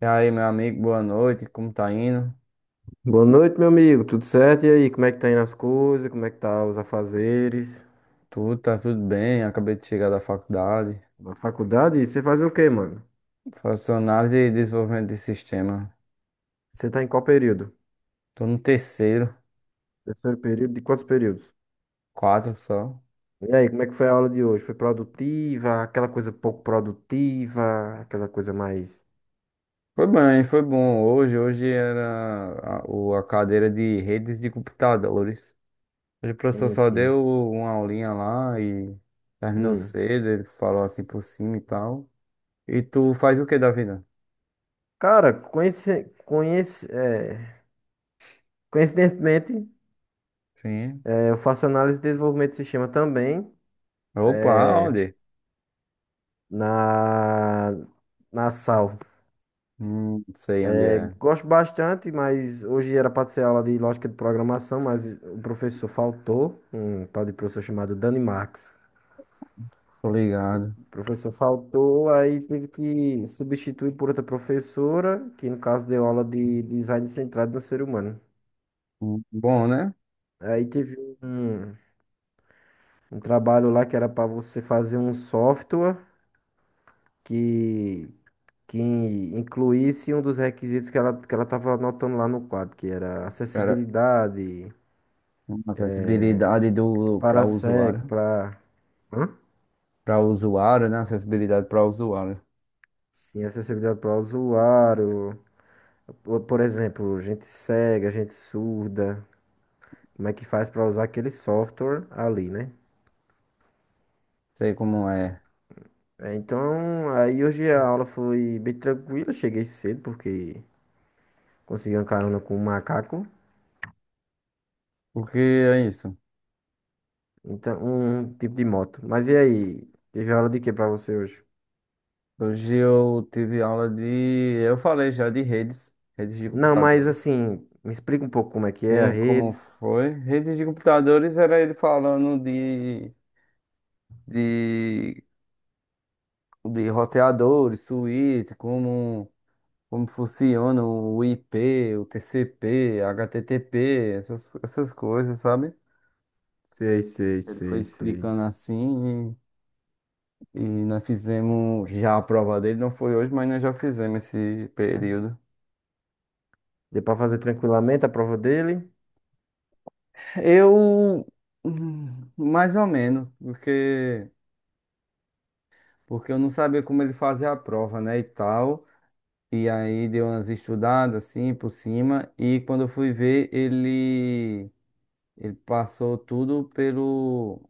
E aí, meu amigo, boa noite, como tá indo? Boa noite, meu amigo. Tudo certo? E aí, como é que tá indo as coisas? Como é que tá os afazeres? Tudo, tá tudo bem, acabei de chegar da faculdade. Na faculdade? E você faz o quê, mano? Faço análise e desenvolvimento de sistema. Você tá em qual período? Tô no terceiro, Terceiro período? De quantos períodos? quatro só. E aí, como é que foi a aula de hoje? Foi produtiva? Aquela coisa pouco produtiva? Aquela coisa mais... Foi bem, foi bom. Hoje era a cadeira de redes de computadores. Hoje o professor Sim, só sim. deu uma aulinha lá e terminou Hum. cedo, ele falou assim por cima e tal. E tu faz o que da vida? Cara, coincidentemente, Sim. Eu faço análise de desenvolvimento de sistema também, Opa, é, onde? na... Na SAL. Não sei onde é. Gosto bastante, mas hoje era para ser aula de lógica de programação, mas o professor faltou, um tal de professor chamado Dani Marx. Tô ligado. O professor faltou, aí teve que substituir por outra professora, que no caso deu aula de design centrado no ser humano. Bom, né? Aí teve um, um trabalho lá que era para você fazer um software que, que incluísse um dos requisitos que ela estava anotando lá no quadro, que era Cara, acessibilidade uma acessibilidade do para cego, para... Hã? para usuário, né? Acessibilidade para usuário. Sim, acessibilidade para o usuário. Por exemplo, gente cega, gente surda. Como é que faz para usar aquele software ali, né? Sei como é. É, então, aí hoje a aula foi bem tranquila. Cheguei cedo porque consegui uma carona com um macaco. Porque é isso. Então, um tipo de moto. Mas e aí? Teve aula de que para você hoje? Hoje eu tive aula de, eu falei já de redes, redes de Não, mas computadores. assim, me explica um pouco como é que é a Bem, como redes. foi? Redes de computadores era ele falando de, de roteadores, suíte, como funciona o IP, o TCP, HTTP, essas coisas, sabe? Sei, sei, Ele foi sei, sei. explicando assim e nós fizemos já a prova dele, não foi hoje, mas nós já fizemos esse período. Deu para fazer tranquilamente a prova dele. Eu, mais ou menos, porque eu não sabia como ele fazia a prova, né, e tal. E aí deu umas estudadas assim por cima e quando eu fui ver, ele passou tudo pelo,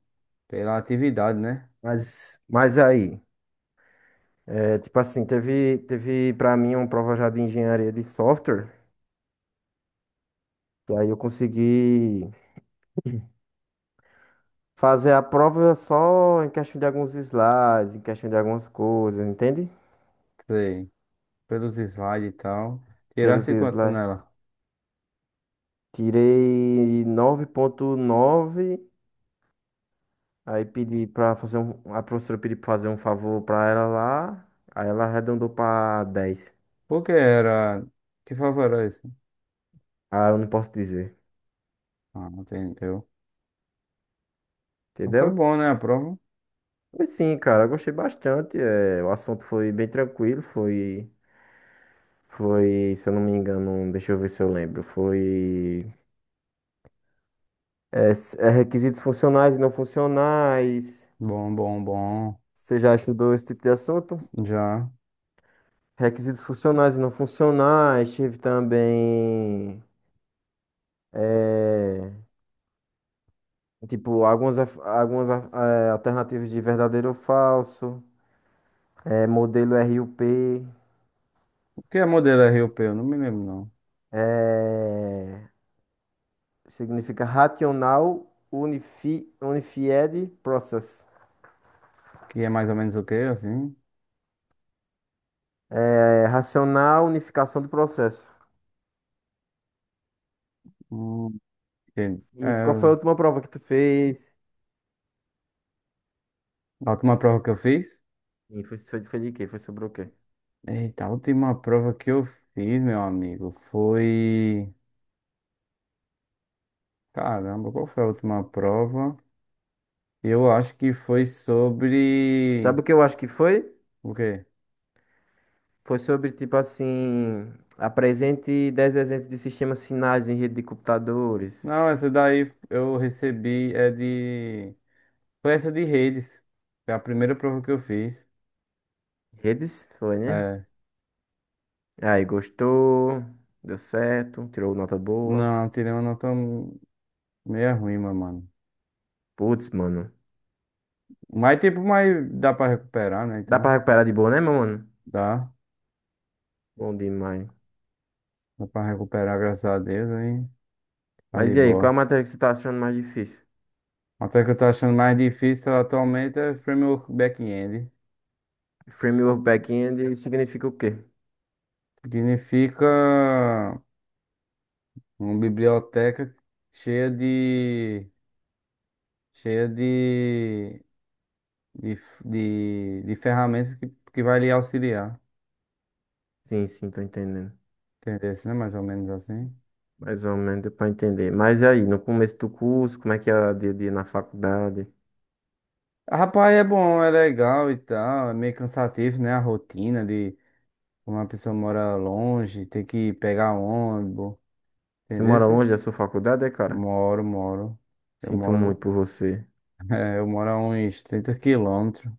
pela atividade, né? Mas aí? É, tipo assim, teve para mim uma prova já de engenharia de software, e aí eu consegui fazer a prova só em questão de alguns slides, em questão de algumas coisas, entende? Sei, pelos slides e tal. Pelos Tirasse quanto slides. nela? Tirei 9,9. Aí pedi pra fazer a professora pediu pra fazer um favor pra ela lá, aí ela arredondou pra 10. Por que era? Que favor era esse? Ah, eu não posso dizer, Ah, entendeu. Não foi entendeu? bom, né, a prova? Mas sim, cara, eu gostei bastante, o assunto foi bem tranquilo. Foi, se eu não me engano, deixa eu ver se eu lembro. Foi, requisitos funcionais e não funcionais. Bom, bom, bom. Você já estudou esse tipo de assunto? Já. Requisitos funcionais e não funcionais. Tive também, é, tipo algumas alternativas de verdadeiro ou falso. É, modelo RUP. O que é modelo RUP? Eu não me lembro, não. É, significa racional unified process. Que é mais ou menos o quê, assim? É, racional unificação do processo. Hum, entendi. E É, qual foi a última prova que tu fez? a última prova que eu fiz? E foi de quê? Foi sobre o quê? Eita, a última prova que eu fiz, meu amigo, foi... Caramba, qual foi a última prova? Eu acho que foi sobre... Sabe o que eu acho que foi? O quê? Foi sobre, tipo assim, apresente 10 exemplos de sistemas finais em rede de computadores. Não, essa daí eu recebi é de... Foi essa de redes. Foi a primeira prova que eu fiz. Redes? Foi, né? É. Aí, gostou, deu certo, tirou nota boa. Não, tirei uma nota meio ruim, mas, mano. Putz, mano. Mas, tipo, mas dá pra recuperar, né? Dá pra Então, recuperar de boa, né, meu mano? dá. Bom demais. Dá pra recuperar, graças a Deus, aí tá Mas de e aí, qual é boa. a matéria que você tá achando mais difícil? Até que eu tô achando mais difícil atualmente é framework back-end. Framework back-end significa o quê? Significa uma biblioteca cheia de... cheia de... de, de ferramentas que vai lhe auxiliar. Sim, sim, tô entendendo. Entendeu? Né? Mais ou menos assim. Mais ou menos deu pra entender. Mas e aí, no começo do curso, como é que é o dia a dia na faculdade? Rapaz, é bom, é legal e tal. É meio cansativo, né? A rotina de uma pessoa mora longe, tem que pegar ônibus, Você entendeu? mora Sim? longe da sua faculdade, é, cara? Moro, moro. Eu Sinto muito moro, por você. é, eu moro a uns 30 quilômetros.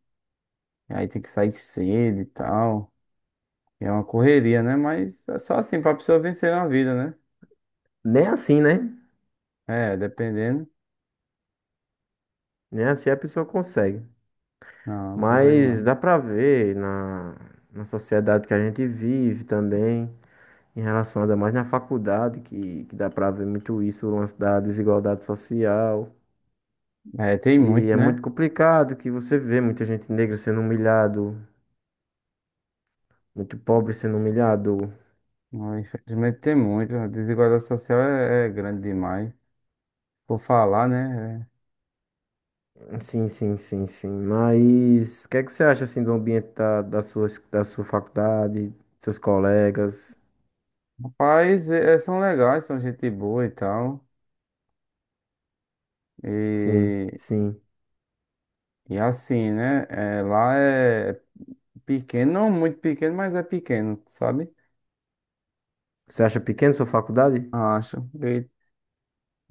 E aí tem que sair cedo e tal. E é uma correria, né? Mas é só assim, pra pessoa vencer na vida, né? Nem assim, né? É, dependendo. Nem assim a pessoa consegue. Não, não consegue Mas não. dá pra ver na sociedade que a gente vive também, em relação ainda mais na faculdade, que dá pra ver muito isso, o lance da desigualdade social. É, tem E muito, é muito né? complicado que você vê muita gente negra sendo humilhado, muito pobre sendo humilhado. Não, infelizmente tem muito. A desigualdade social é, é grande demais. Por falar, né? É, Sim, sim, sim, sim. Mas o que é que você acha assim do ambiente da sua faculdade, seus colegas? rapaz, é, é, são legais, são gente boa e tal. Sim, E, sim. e assim, né? É, lá é pequeno, não muito pequeno, mas é pequeno, sabe? Você acha pequena a sua faculdade? Acho.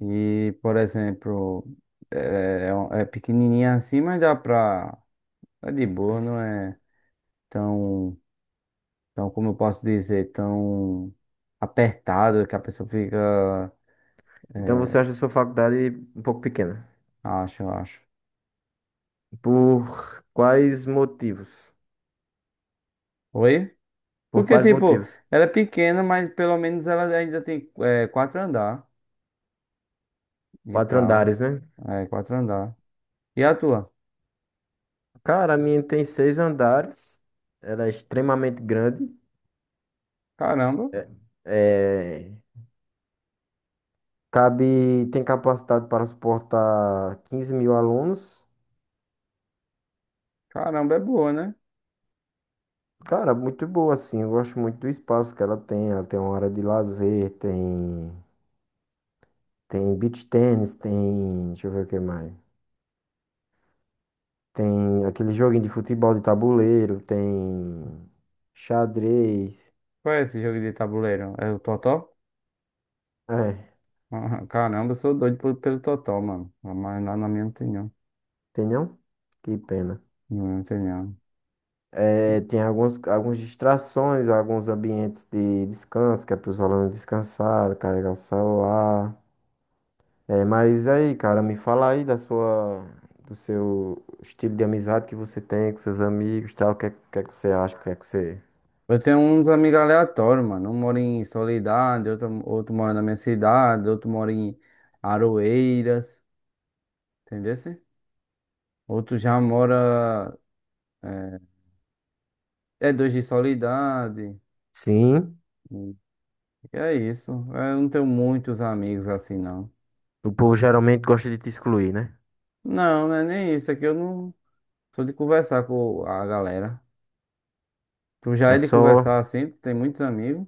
E, por exemplo, é, é, é pequenininha assim, mas dá pra. É de boa, não é tão, tão, como eu posso dizer, tão apertado que a pessoa fica. Então você É, acha a sua faculdade um pouco pequena. acho, acho. Por quais motivos? Oi? Por Porque, quais tipo, motivos? ela é pequena, mas pelo menos ela ainda tem é, quatro andar e Quatro tal. andares, né? É, quatro andar. E a tua? Cara, a minha tem seis andares. Ela é extremamente grande. Caramba, É, é, Cabe, tem capacidade para suportar 15 mil alunos. caramba, é boa, né? Cara, muito boa, assim. Eu gosto muito do espaço que ela tem. Ela tem uma área de lazer, tem beach tênis, tem. Deixa eu ver o que mais. Tem aquele joguinho de futebol de tabuleiro, tem xadrez. Qual é esse jogo de tabuleiro? É o Totó? É, Ah, caramba, eu sou doido pelo Totó, mano. Mas lá na minha não tem não. tem não? Que pena. Não tem não. É, tem algumas distrações, alguns ambientes de descanso, que é para os alunos descansar, carregar o celular. É, mas aí, cara, me fala aí do seu estilo de amizade que você tem com seus amigos, tal. O que é que você acha? O que é que você... Eu tenho uns amigos aleatórios, mano. Um mora em Soledade, outro mora na minha cidade, outro mora em Aroeiras, entendeu? Outro já mora. É, é dois de Soledade. Sim, Hum. E é isso. Eu não tenho muitos amigos assim, não. o povo geralmente gosta de te excluir, né? Não, não é nem isso. É que eu não sou de conversar com a galera. Tu já É é de só... conversar assim, tu tem muitos amigos.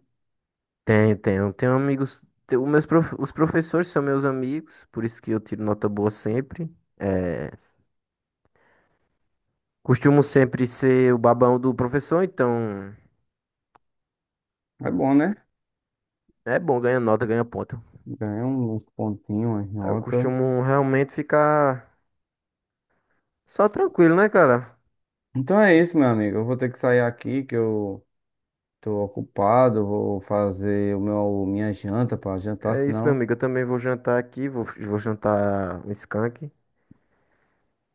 Tenho amigos. Os professores são meus amigos, por isso que eu tiro nota boa sempre. É, costumo sempre ser o babão do professor, então. É bom, né? É bom, ganha nota, ganha ponto. Ganha um, uns pontinhos, umas Aí eu notas. costumo realmente ficar só tranquilo, né, cara? Então é isso, meu amigo. Eu vou ter que sair aqui, que eu tô ocupado. Vou fazer o meu, minha janta pra jantar, É isso, meu senão. amigo. Eu também vou jantar aqui, vou jantar um skunk.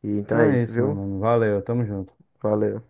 E então Então é é isso, isso, meu viu? mano. Valeu, tamo junto. Valeu.